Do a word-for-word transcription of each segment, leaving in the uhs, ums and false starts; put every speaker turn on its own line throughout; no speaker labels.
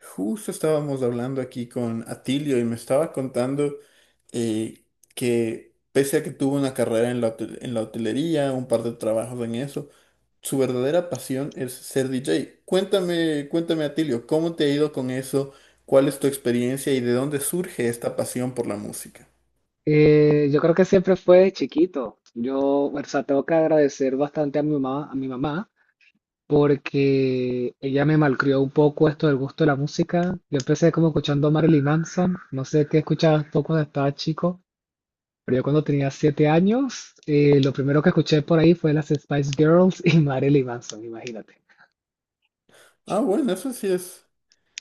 Justo estábamos hablando aquí con Atilio y me estaba contando eh, que pese a que tuvo una carrera en la, hotel- en la hotelería, un par de trabajos en eso, su verdadera pasión es ser D J. Cuéntame, cuéntame Atilio, ¿cómo te ha ido con eso? ¿Cuál es tu experiencia y de dónde surge esta pasión por la música?
Eh, yo creo que siempre fue de chiquito. Yo, o sea, tengo que agradecer bastante a mi mamá, a mi mamá, porque ella me malcrió un poco esto del gusto de la música. Yo empecé como escuchando a Marilyn Manson, no sé qué escuchabas tú cuando estabas chico, pero yo cuando tenía siete años, eh, lo primero que escuché por ahí fue las Spice Girls y Marilyn Manson, imagínate.
Ah, bueno, eso sí es.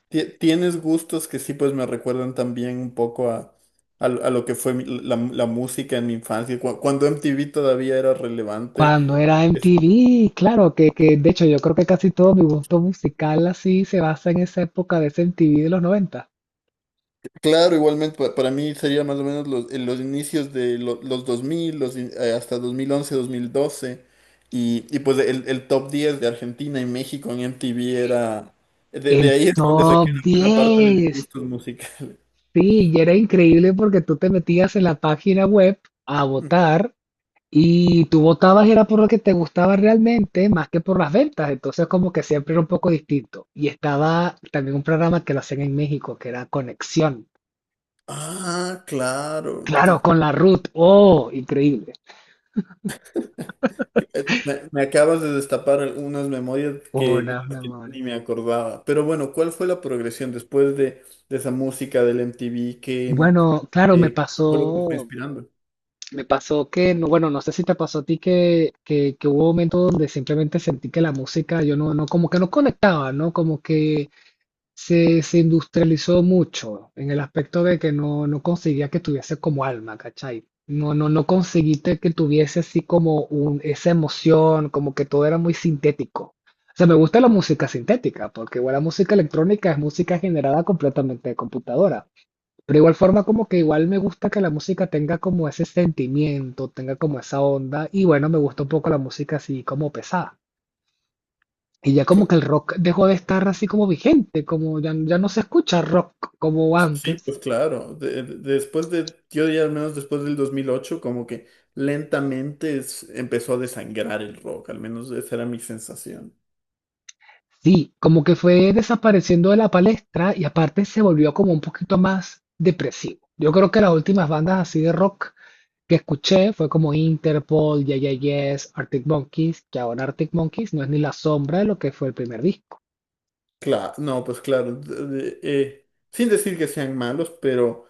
ti- Tienes gustos que sí pues me recuerdan también un poco a a, lo a lo que fue mi- la, la música en mi infancia, cua- cuando M T V todavía era relevante.
Cuando era
Es-
M T V, claro, que, que de hecho yo creo que casi todo mi gusto musical así se basa en esa época de ese M T V de los noventa.
Claro, igualmente pa- para mí sería más o menos los, en los inicios de lo- los dos mil, los, in- eh, hasta dos mil once, dos mil doce. Y, y pues el, el top diez de Argentina y México en M T V era... De,
El
de ahí es donde saqué
top
una buena parte de mis
diez
gustos musicales.
Sí, y era increíble porque tú te metías en la página web a votar y tú votabas era por lo que te gustaba realmente más que por las ventas. Entonces como que siempre era un poco distinto. Y estaba también un programa que lo hacían en México que era Conexión.
Ah, claro.
Claro,
te-
con la Ruth. Oh, increíble.
que- eh, Me, me acabas de destapar algunas memorias que, de
Hola, mi
las que
amor.
ni me acordaba. Pero bueno, ¿cuál fue la progresión después de, de esa música del M T V que,
Bueno, claro, me
eh, que fue lo que te fue
pasó
inspirando?
Me pasó que, no, bueno, no sé si te pasó a ti que, que, que hubo momentos donde simplemente sentí que la música, yo no, no, como que no conectaba, ¿no? Como que se, se industrializó mucho en el aspecto de que no, no conseguía que tuviese como alma, ¿cachai? No, no, no conseguiste que tuviese así como un, esa emoción, como que todo era muy sintético. O sea, me gusta la música sintética, porque igual la música electrónica es música generada completamente de computadora. Pero igual forma como que igual me gusta que la música tenga como ese sentimiento, tenga como esa onda y bueno, me gusta un poco la música así como pesada. Y ya como que el rock dejó de estar así como vigente, como ya, ya no se escucha rock como
Sí,
antes.
pues claro. De- de- después de, yo diría al menos después del dos mil ocho, como que lentamente es- empezó a desangrar el rock, al menos esa era mi sensación.
Sí, como que fue desapareciendo de la palestra y aparte se volvió como un poquito más depresivo. Yo creo que las últimas bandas así de rock que escuché fue como Interpol, Yeah Yeah Yes, Arctic Monkeys, que ahora Arctic Monkeys no es ni la sombra de lo que fue el primer disco.
Claro, no, pues claro, de- de- eh, sin decir que sean malos, pero,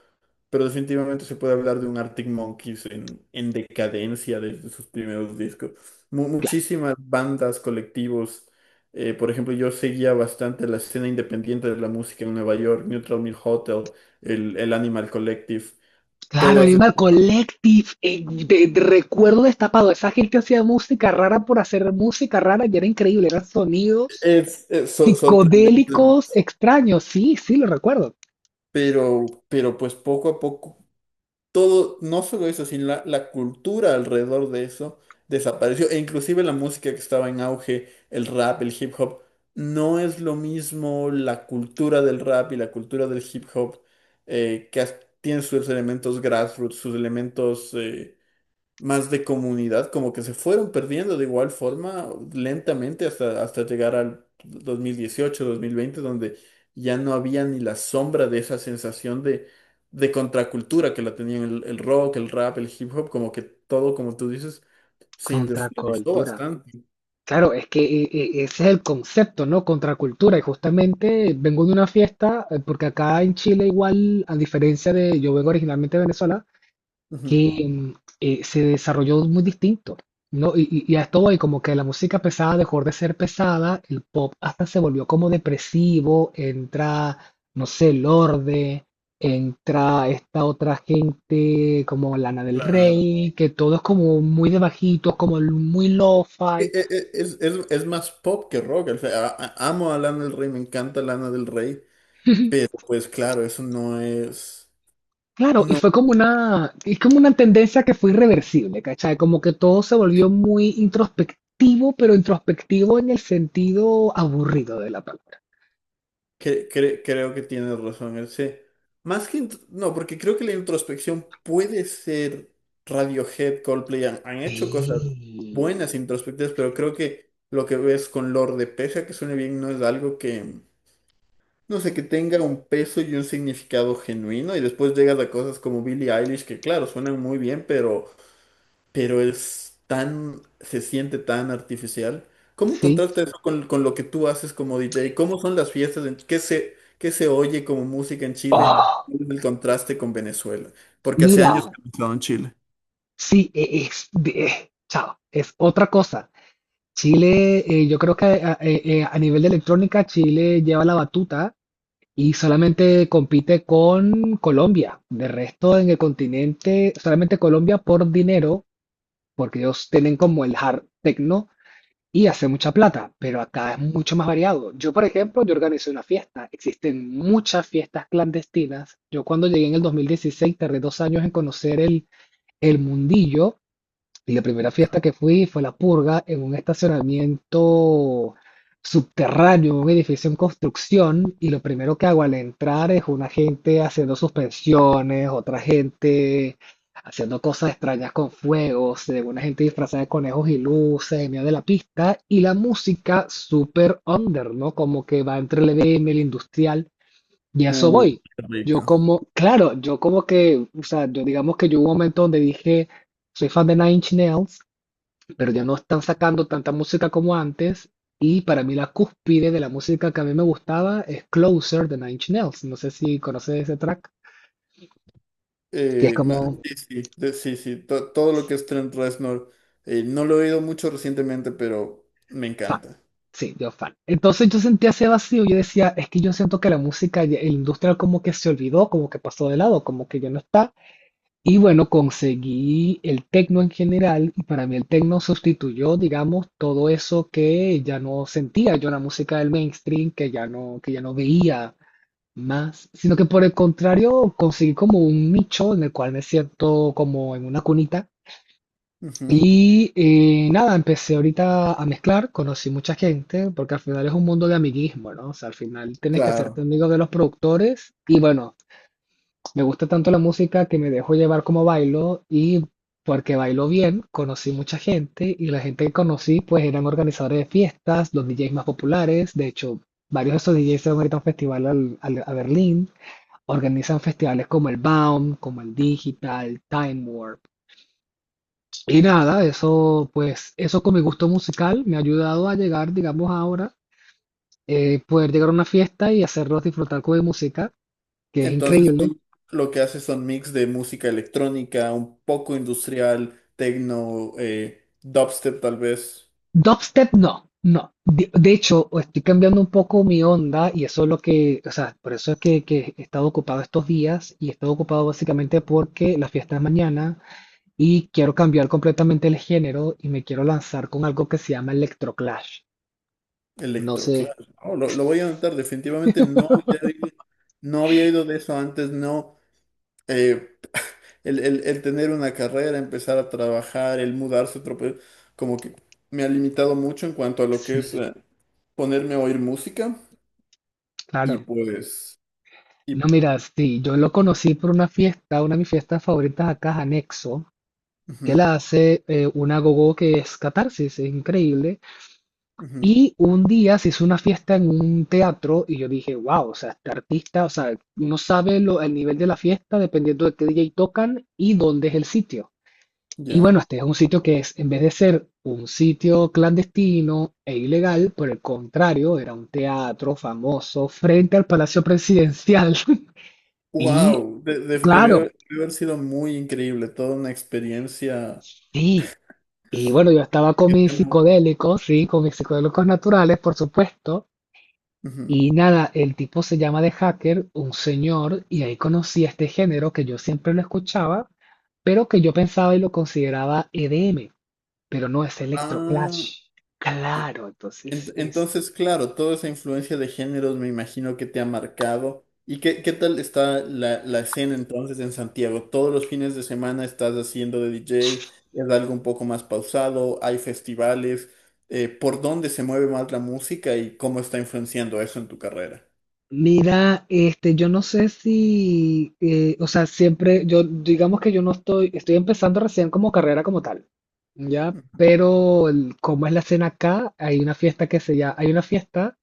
pero definitivamente se puede hablar de un Arctic Monkeys en, en decadencia desde sus primeros discos. Mu-
Claro,
muchísimas bandas, colectivos. Eh, por ejemplo, yo seguía bastante la escena independiente de la música en Nueva York, Neutral Milk Hotel, el, el Animal Collective.
claro,
Todas esas-
Animal Collective. Eh, de- de- recuerdo destapado, esa gente hacía música rara por hacer música rara y era increíble, eran sonidos
es, es so- sorprendente, hermano.
psicodélicos extraños. Sí, sí, lo recuerdo.
Pero, pero pues poco a poco, todo, no solo eso, sino la, la cultura alrededor de eso desapareció. E inclusive la música que estaba en auge, el rap, el hip hop, no es lo mismo la cultura del rap y la cultura del hip hop, eh, que as- tiene sus elementos grassroots, sus elementos eh, más de comunidad, como que se fueron perdiendo de igual forma lentamente hasta, hasta llegar al dos mil dieciocho, dos mil veinte, donde ya no había ni la sombra de esa sensación de, de contracultura que la tenían el, el rock, el rap, el hip hop, como que todo, como tú dices, se industrializó
Contracultura.
bastante.
Claro, es que eh, eh, ese es el concepto, ¿no? Contracultura. Y justamente vengo de una fiesta, eh, porque acá en Chile igual, a diferencia de, yo vengo originalmente de Venezuela,
Ujú.
que mm, eh, se desarrolló muy distinto, ¿no? Y, y, y a esto voy, como que la música pesada dejó de ser pesada, el pop hasta se volvió como depresivo, entra, no sé, el Lorde, entra esta otra gente como Lana del
Claro.
Rey, que todo es como muy de bajito, como muy
E-
lo-fi.
e- e- Es, es- es más pop que rock. O sea, a- a- amo a Lana del Rey, me encanta Lana del Rey, pero pues claro, eso no es...
Claro, y
No.
fue como una, es como una tendencia que fue irreversible, ¿cachai? Como que todo se volvió muy introspectivo, pero introspectivo en el sentido aburrido de la palabra.
Cre- cre- creo que tienes razón, ese. Más que... int- No, porque creo que la introspección puede ser Radiohead, Coldplay, han, han hecho cosas
Sí,
buenas introspectivas, pero creo que lo que ves con Lorde, pese a que suene bien, no es algo que, no sé, que tenga un peso y un significado genuino. Y después llegas a cosas como Billie Eilish, que claro, suenan muy bien, pero pero es tan, se siente tan artificial. ¿Cómo
sí.
contrasta eso con, con lo que tú haces como D J? ¿Cómo son las fiestas? En, ¿qué se, qué se oye como música en Chile?
Oh,
¿Cuál es el contraste con Venezuela? Porque hace años que
mira,
no he estado en Chile.
sí, e- es, de- eh, chao, es otra cosa. Chile, eh, yo creo que a, eh, eh, a nivel de electrónica, Chile lleva la batuta y solamente compite con Colombia. De resto, en el continente, solamente Colombia por dinero porque ellos tienen como el hard techno y hace mucha plata, pero acá es mucho más variado. Yo, por ejemplo, yo organizé una fiesta, existen muchas fiestas clandestinas. Yo cuando llegué en el dos mil dieciséis tardé dos años en conocer el, el mundillo y la primera fiesta que fui fue la purga en un estacionamiento subterráneo, un edificio en construcción, y lo primero que hago al entrar es una gente haciendo suspensiones, otra gente haciendo cosas extrañas con fuegos, se ve una gente disfrazada de conejos y luces en medio de la pista, y la música súper under, ¿no? Como que va entre el E D M el industrial. Y a eso
Uy,
voy.
qué
Yo
rico.
como, claro, yo como que, o sea, yo digamos que yo hubo un momento donde dije, soy fan de Nine Inch Nails, pero ya no están sacando tanta música como antes. Y para mí la cúspide de la música que a mí me gustaba es Closer de Nine Inch Nails. No sé si conoces ese track, que es
Eh, ma-
como
sí, sí, de- sí, sí, to- todo lo que es Trent Reznor, eh, no lo he oído mucho recientemente, pero me
fan.
encanta.
Sí, yo fan. Entonces yo sentía ese vacío. Yo decía, es que yo siento que la música, ya- el industrial como que se olvidó, como que pasó de lado, como que ya no está. Y bueno, conseguí el techno en general y para mí el techno sustituyó, digamos, todo eso que ya no sentía yo en la música del mainstream, que ya no, que ya no veía más, sino que por el contrario conseguí como un nicho en el cual me siento como en una cunita.
Ujú.
Y eh, nada, empecé ahorita a mezclar, conocí mucha gente, porque al final es un mundo de amiguismo, ¿no? O sea, al final tienes que hacerte
Claro.
amigo de los productores y bueno, me gusta tanto la música que me dejo llevar como bailo y porque bailo bien, conocí mucha gente y la gente que conocí pues eran organizadores de fiestas, los D Js más populares, de hecho varios de esos D Js se van ahorita a un festival al- al- a Berlín, organizan festivales como el Baum, como el Digital, Time Warp. Y nada, eso pues eso con mi gusto musical me ha ayudado a llegar, digamos ahora, eh, poder llegar a una fiesta y hacerlos disfrutar con mi música, que es
Entonces
increíble.
tú lo que haces son mix de música electrónica, un poco industrial, techno, eh, dubstep tal vez,
Dubstep no, no. De, de hecho, estoy cambiando un poco mi onda y eso es lo que, o sea, por eso es que, que he estado ocupado estos días y he estado ocupado básicamente porque la fiesta es mañana y quiero cambiar completamente el género y me quiero lanzar con algo que se llama Electroclash. No sé,
electroclaro. Oh, lo, lo voy a anotar, definitivamente no había oído, no había oído de eso antes, no. Eh, el, el- el tener una carrera, empezar a trabajar, el mudarse, a otro país, como que me ha limitado mucho en cuanto a lo que es
sí,
eh, ponerme a oír música y
claro.
pues... Y,
No, mira, sí, yo lo conocí por una fiesta, una de mis fiestas favoritas acá, Anexo, que
ujú,
la hace eh, una gogo que es Catarsis, es increíble.
ujú,
Y un día se hizo una fiesta en un teatro y yo dije, wow, o sea, este artista, o sea, uno sabe lo- el nivel de la fiesta dependiendo de qué D J tocan y dónde es el sitio. Y
ya.
bueno, este es un sitio que es, en vez de ser un sitio clandestino e ilegal, por el contrario, era un teatro famoso frente al Palacio Presidencial. Y
Wow, de- de- debió,
claro,
debió haber sido muy increíble, toda una experiencia.
sí. Y bueno, yo estaba con
que te
mis
han-
psicodélicos, sí, con mis psicodélicos naturales, por supuesto.
Ujú.
Y nada, el tipo se llama The Hacker, un señor, y ahí conocí este género que yo siempre lo escuchaba, pero que yo pensaba y lo consideraba E D M, pero no es
Ah,
Electroclash.
e,
Claro, entonces
en-
es.
entonces, claro, toda esa influencia de géneros me imagino que te ha marcado. ¿Y qué, qué tal está la, la escena entonces en Santiago? ¿Todos los fines de semana estás haciendo de D J? ¿Es algo un poco más pausado? ¿Hay festivales? Eh, ¿por dónde se mueve más la música y cómo está influenciando eso en tu carrera?
Mira, este, yo no sé si, eh, o sea, siempre, yo digamos que yo no estoy, estoy empezando recién como carrera como tal, ¿ya?
Ujú.
Pero el- como es la escena acá, hay una fiesta que se llama, hay una fiesta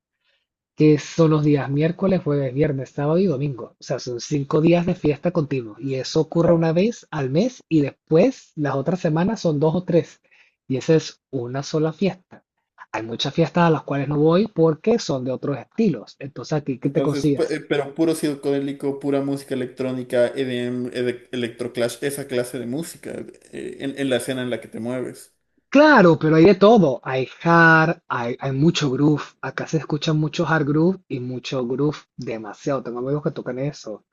que son los días miércoles, jueves, viernes, sábado y domingo. O sea, son cinco días de fiesta continuo. Y eso ocurre una vez al mes y después las otras semanas son dos o tres. Y esa es una sola fiesta. Hay muchas fiestas a las cuales no voy porque son de otros estilos. Entonces aquí, ¿qué te
Entonces, pu-
consigues?
eh, pero puro psicodélico, pura música electrónica, E D M, ede- electroclash, esa clase de música, eh, en, en la escena en la que te mueves.
Claro, pero hay de todo. Hay hard, hay, hay mucho groove. Acá se escucha mucho hard groove y mucho groove demasiado. Tengo amigos que tocan eso.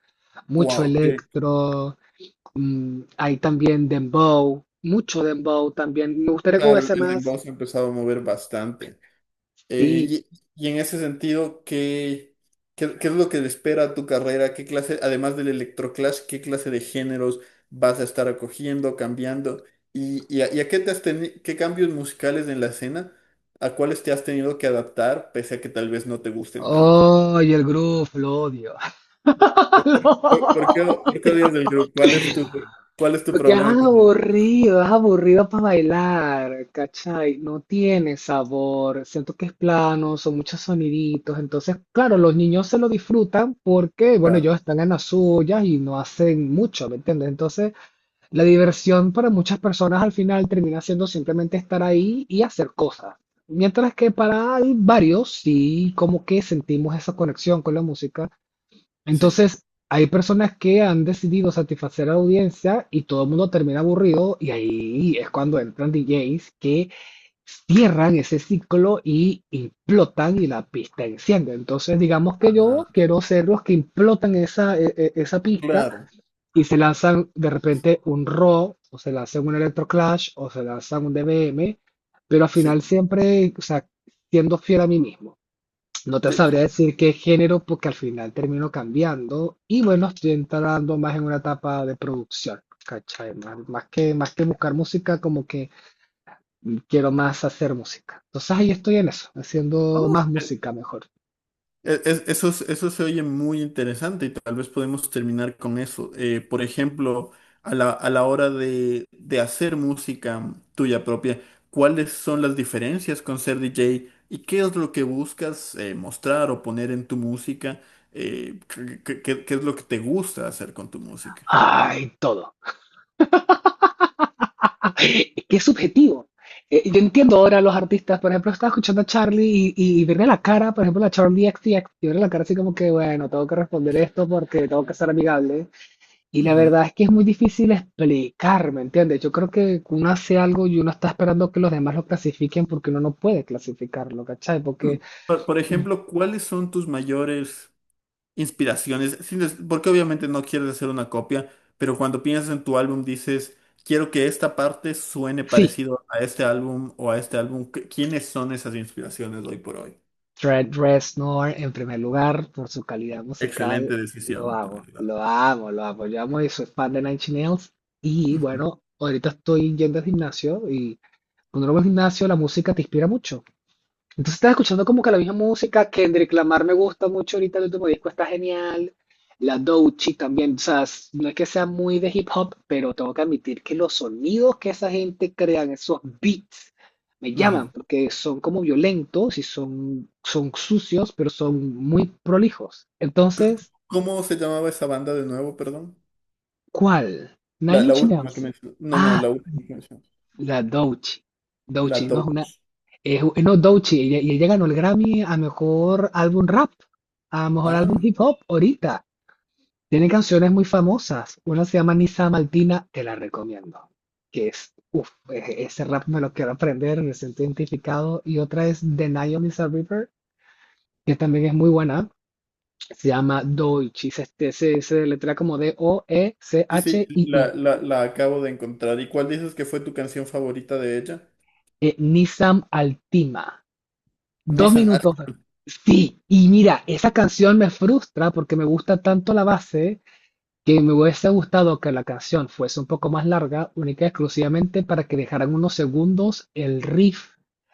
Mucho
Wow, que
electro. Mm, hay también dembow, mucho dembow también. Me gustaría que
claro, el
hubiese
el
más.
dembow se ha empezado a mover bastante. Eh,
Sí.
y, y en ese sentido, ¿qué, qué, qué es lo que te espera a tu carrera? ¿Qué clase, además del electroclash, qué clase de géneros vas a estar acogiendo, cambiando? ¿Y, y a, y a qué te has teni- qué cambios musicales en la escena? ¿A cuáles te has tenido que adaptar, pese a que tal vez no te gusten tanto?
Oh, y el groove, lo odio.
¿Por, por- por qué, por qué odias del grupo? ¿Cuál es tu, cuál es tu
Porque es
problema con el grupo?
aburrido, es aburrido para bailar, ¿cachai? No tiene sabor, siento que es plano, son muchos soniditos, entonces, claro, los niños se lo disfrutan porque, bueno,
Claro,
ellos están en las suyas y no hacen mucho, ¿me entiendes? Entonces, la diversión para muchas personas al final termina siendo simplemente estar ahí y hacer cosas. Mientras que para al- varios sí como que sentimos esa conexión con la música.
sí.
Entonces hay personas que han decidido satisfacer a la audiencia y todo el mundo termina aburrido y ahí es cuando entran D Js que cierran ese ciclo y implotan y la pista enciende. Entonces digamos que yo
Ah,
quiero ser los que implotan esa, e- e- esa pista
claro,
y se lanzan de repente un Raw, o se lanzan un Electroclash, o se lanzan un D B M, pero al
sí.
final siempre, o sea, siendo fiel a mí mismo. No te
Que- que-
sabría decir qué género, porque al final termino cambiando y bueno, estoy entrando más en una etapa de producción, ¿cachai? Más, más que, más que buscar música, como que quiero más hacer música. Entonces ahí estoy en eso, haciendo más
oh, eh,
música mejor.
eh, es- Eso, es- eso se oye muy interesante y tal vez podemos terminar con eso. Eh, por ejemplo, a la, a la hora de, de hacer música tuya propia, ¿cuáles son las diferencias con ser D J y qué es lo que buscas eh, mostrar o poner en tu música? Eh, ¿qué, qué- qué- qué es lo que te gusta hacer con tu música?
Ay, todo, que es subjetivo. Eh, yo entiendo ahora a los artistas, por ejemplo, estaba escuchando a Charlie y, y, y verle la cara, por ejemplo, a Charlie X T X, y verle la cara así como que, bueno, tengo que responder esto porque tengo que ser amigable. Y la verdad es que es muy difícil explicar, ¿me entiendes? Yo creo que uno hace algo y uno está esperando que los demás lo clasifiquen porque uno no puede clasificarlo, ¿cachai?
Mm.
Porque
Por, por ejemplo, ¿cuáles son tus mayores inspiraciones? Sin des- Porque obviamente no quieres hacer una copia, pero cuando piensas en tu álbum dices, quiero que esta parte suene
sí,
parecido a este álbum o a este álbum. ¿Qué- ¿Quiénes son esas inspiraciones hoy por hoy?
Trent Reznor, en primer lugar, por su calidad musical,
Excelente
lo
decisión, de
amo,
verdad.
lo amo, lo amo. Yo amo y soy fan de Nine Inch Nails. Y
Ujú,
bueno, ahorita estoy yendo al gimnasio y cuando uno va al gimnasio, la música te inspira mucho. Entonces estás escuchando como que la misma música, Kendrick Lamar me gusta mucho ahorita, el último disco está genial, la Doechii también, o sea, s- no es que sea muy de hip hop, pero tengo que admitir que los sonidos que esa gente crean, esos beats, me
ujú.
llaman, porque son como violentos y son, son sucios, pero son muy prolijos. Entonces,
¿Cómo se llamaba esa banda de nuevo, perdón?
¿cuál?
La,
Nine
la
Inch
última que
Nails.
mencioné. No, no,
Ah,
la última que mencioné.
la Doechii.
La
Doechii, no,
Doge.
Es, es no, Doechii, ella, y ella ganó el Grammy a mejor álbum rap, a mejor álbum
Ah,
hip hop, ahorita. Tiene canciones muy famosas. Una se llama Nisa Maltina, te la recomiendo. Que es, uff, ese rap me lo quiero aprender, me siento identificado. Y otra es The Night on Lisa River, que también es muy buena. Se llama Doechii, se, se, se, se letra como
sí, sí,
D-O-E-C-H-I-I. I
la,
i
la, la acabo de encontrar. ¿Y cuál dices que fue tu canción favorita de ella?
eh, Nisam Altima. Dos
Nissan
minutos.
Ashca.
Sí, y mira, esa canción me frustra porque me gusta tanto la base que me hubiese gustado que la canción fuese un poco más larga, única y exclusivamente para que dejaran unos segundos el riff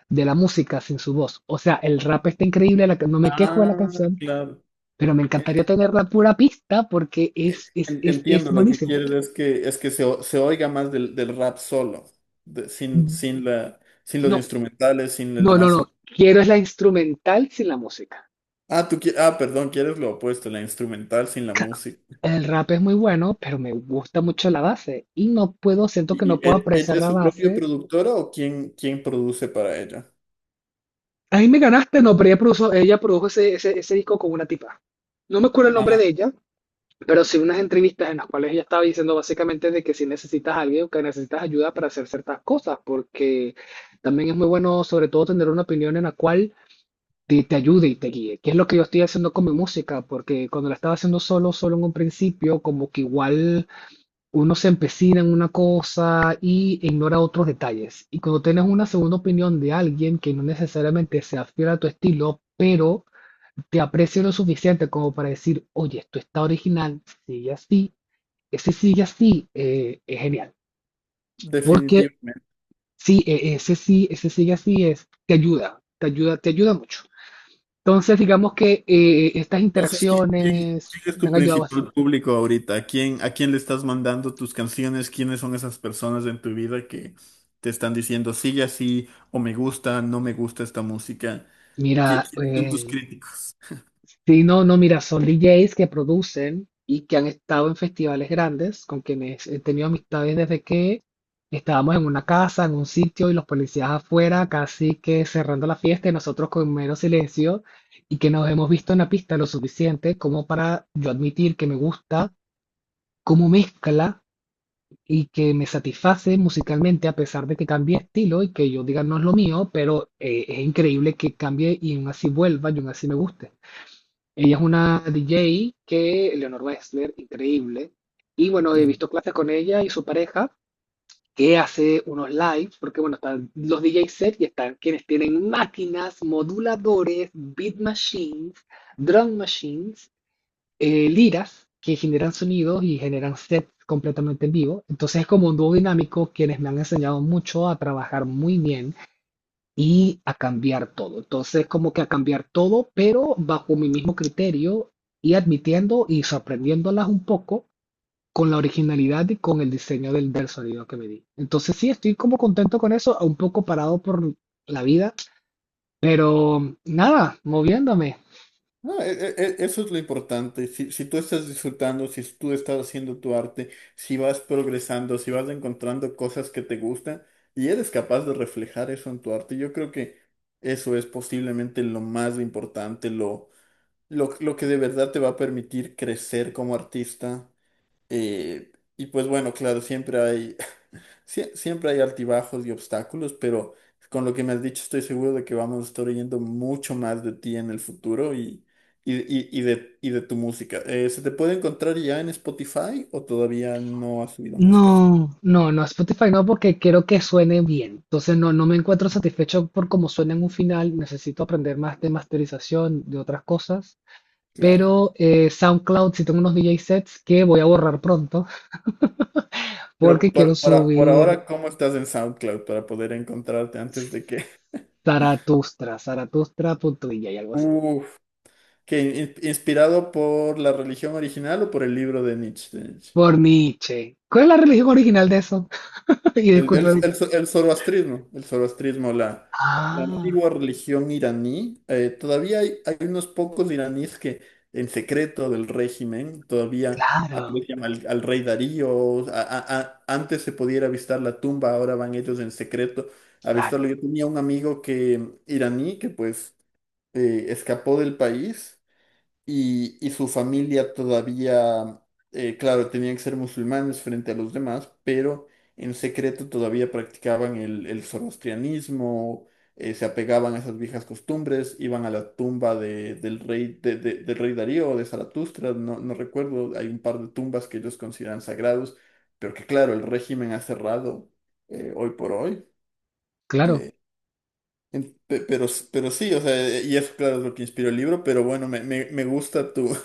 de la música sin su voz. O sea, el rap está increíble, la ca- no me quejo de la
Ah,
canción,
claro.
pero me encantaría tener la pura pista porque
Eh,
es, es,
en-
es, es
Entiendo lo que
buenísimo.
quieres, es que, es que se, o- se oiga más del, del rap solo, de- sin, sin, la, sin los
No,
instrumentales, sin el
no, no,
demás son-
no. Quiero es la instrumental sin la música.
Ah, tú qui- ah, perdón, quieres lo opuesto, la instrumental sin la
Claro,
música.
el rap es muy bueno, pero me gusta mucho la base y no puedo, siento que
¿Y,
no
y
puedo
e- ella
apreciar
es
la
su propia
base.
productora o quién, quién produce para ella?
Ahí me ganaste, no, pero ella produjo, ella produjo ese, ese, ese disco con una tipa. No me acuerdo el nombre
Ah,
de ella, pero sí unas entrevistas en las cuales ella estaba diciendo básicamente de que si necesitas a alguien, que necesitas ayuda para hacer ciertas cosas, porque también es muy bueno, sobre todo, tener una opinión en la cual te, te ayude y te guíe, que es lo que yo estoy haciendo con mi música, porque cuando la estaba haciendo solo, solo en un principio, como que igual uno se empecina en una cosa y ignora otros detalles. Y cuando tienes una segunda opinión de alguien que no necesariamente sea fiel a tu estilo, pero te aprecia lo suficiente como para decir, oye, esto está original, sigue así, ese sigue así, eh, es genial. Porque
definitivamente.
sí, eh, ese sí, ese sigue así es, te ayuda, te ayuda, te ayuda mucho. Entonces, digamos que eh, estas
Entonces, ¿quién, quién-
interacciones
quién es
me
tu
han ayudado
principal
bastante.
público ahorita? ¿A quién, a quién le estás mandando tus canciones? ¿Quiénes son esas personas en tu vida que te están diciendo sigue así o me gusta, no me gusta esta música? ¿Qui- ¿Quiénes
Mira,
son tus
eh,
críticos?
sí, no, no, mira, son D Js que producen y que han estado en festivales grandes, con quienes he tenido amistades desde que estábamos en una casa, en un sitio, y los policías afuera, casi que cerrando la fiesta, y nosotros con mero silencio, y que nos hemos visto en la pista lo suficiente como para yo admitir que me gusta cómo mezcla y que me satisface musicalmente, a pesar de que cambie estilo y que yo diga no es lo mío, pero eh, es increíble que cambie y aún así vuelva y aún así me guste. Ella es una D J que, Leonor Wexler, increíble. Y bueno, he
Ujú.
visto clases con ella y su pareja, que hace unos lives, porque bueno, están los D J set y están quienes tienen máquinas, moduladores, beat machines, drum machines, eh, liras, que generan sonidos y generan sets completamente en vivo. Entonces es como un dúo dinámico, quienes me han enseñado mucho a trabajar muy bien y a cambiar todo. Entonces, como que a cambiar todo, pero bajo mi mismo criterio y admitiendo y sorprendiéndolas un poco con la originalidad y con el diseño del, del sonido que me di. Entonces, sí, estoy como contento con eso, un poco parado por la vida, pero nada, moviéndome.
No, e- e- e- eso es lo importante. Si, si tú estás disfrutando, si tú estás haciendo tu arte, si vas progresando, si vas encontrando cosas que te gustan y eres capaz de reflejar eso en tu arte, yo creo que eso es posiblemente lo más importante, lo lo, lo que de verdad te va a permitir crecer como artista. Eh, y pues bueno, claro, siempre hay, sie- siempre hay altibajos y obstáculos, pero con lo que me has dicho estoy seguro de que vamos a estar oyendo mucho más de ti en el futuro y, y, y- y de, y de tu música. Eh, ¿se te puede encontrar ya en Spotify o todavía no has subido música?
No, no, no, Spotify no, porque quiero que suene bien. Entonces no, no me encuentro satisfecho por cómo suena en un final. Necesito aprender más de masterización, de otras cosas.
Claro.
Pero eh, SoundCloud sí tengo unos D J sets que voy a borrar pronto
Pero
porque quiero
por, por a- por
subir
ahora, ¿cómo estás en SoundCloud para poder encontrarte antes de que...
Zaratustra, zaratustra.dj, algo así.
Uf, que in- inspirado por la religión original o por el libro de Nietzsche. De Nietzsche.
Por Nietzsche. ¿Cuál es la religión original de eso? Y
El,
disculpa
el,
ahorita.
el, zo- el zoroastrismo, el zoroastrismo, la, la
Ah,
antigua religión iraní. Eh, todavía hay, hay unos pocos iraníes que en secreto del régimen todavía
claro,
aprecian al, al rey Darío. A- a- a- antes se podía ir a visitar la tumba, ahora van ellos en secreto a
claro,
visitarlo. Yo tenía un amigo que iraní que pues eh, escapó del país y, y su familia todavía, eh, claro, tenían que ser musulmanes frente a los demás, pero en secreto todavía practicaban el, el zoroastrianismo, eh, se apegaban a esas viejas costumbres, iban a la tumba de- del rey, de- de- del rey Darío o de Zaratustra, no, no recuerdo, hay un par de tumbas que ellos consideran sagrados, pero que claro, el régimen ha cerrado eh, hoy por hoy.
claro.
eh, en- pe- pero, s- pero sí, o sea, y eso claro es lo que inspiró el libro, pero bueno, me, me, me gusta tu.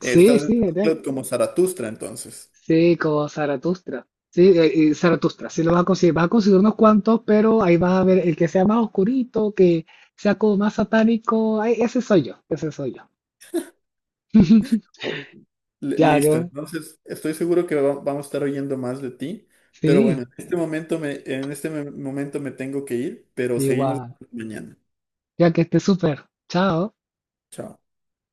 Sí,
Estás en
sí, es de él.
SoundCloud como Zaratustra, entonces.
Sí, como Zaratustra. Sí, eh, eh, Zaratustra, sí lo vas a conseguir. Vas a conseguir unos cuantos, pero ahí vas a ver el que sea más oscurito, que sea como más satánico. Ay, ese soy yo, ese soy yo.
O- li-
Ya
Listo,
yo
entonces estoy seguro que va- vamos a estar oyendo más de ti, pero bueno,
sí.
en este momento me, en este me- momento me tengo que ir, pero seguimos
Igual.
mañana.
Ya que esté súper. Chao.
Chao.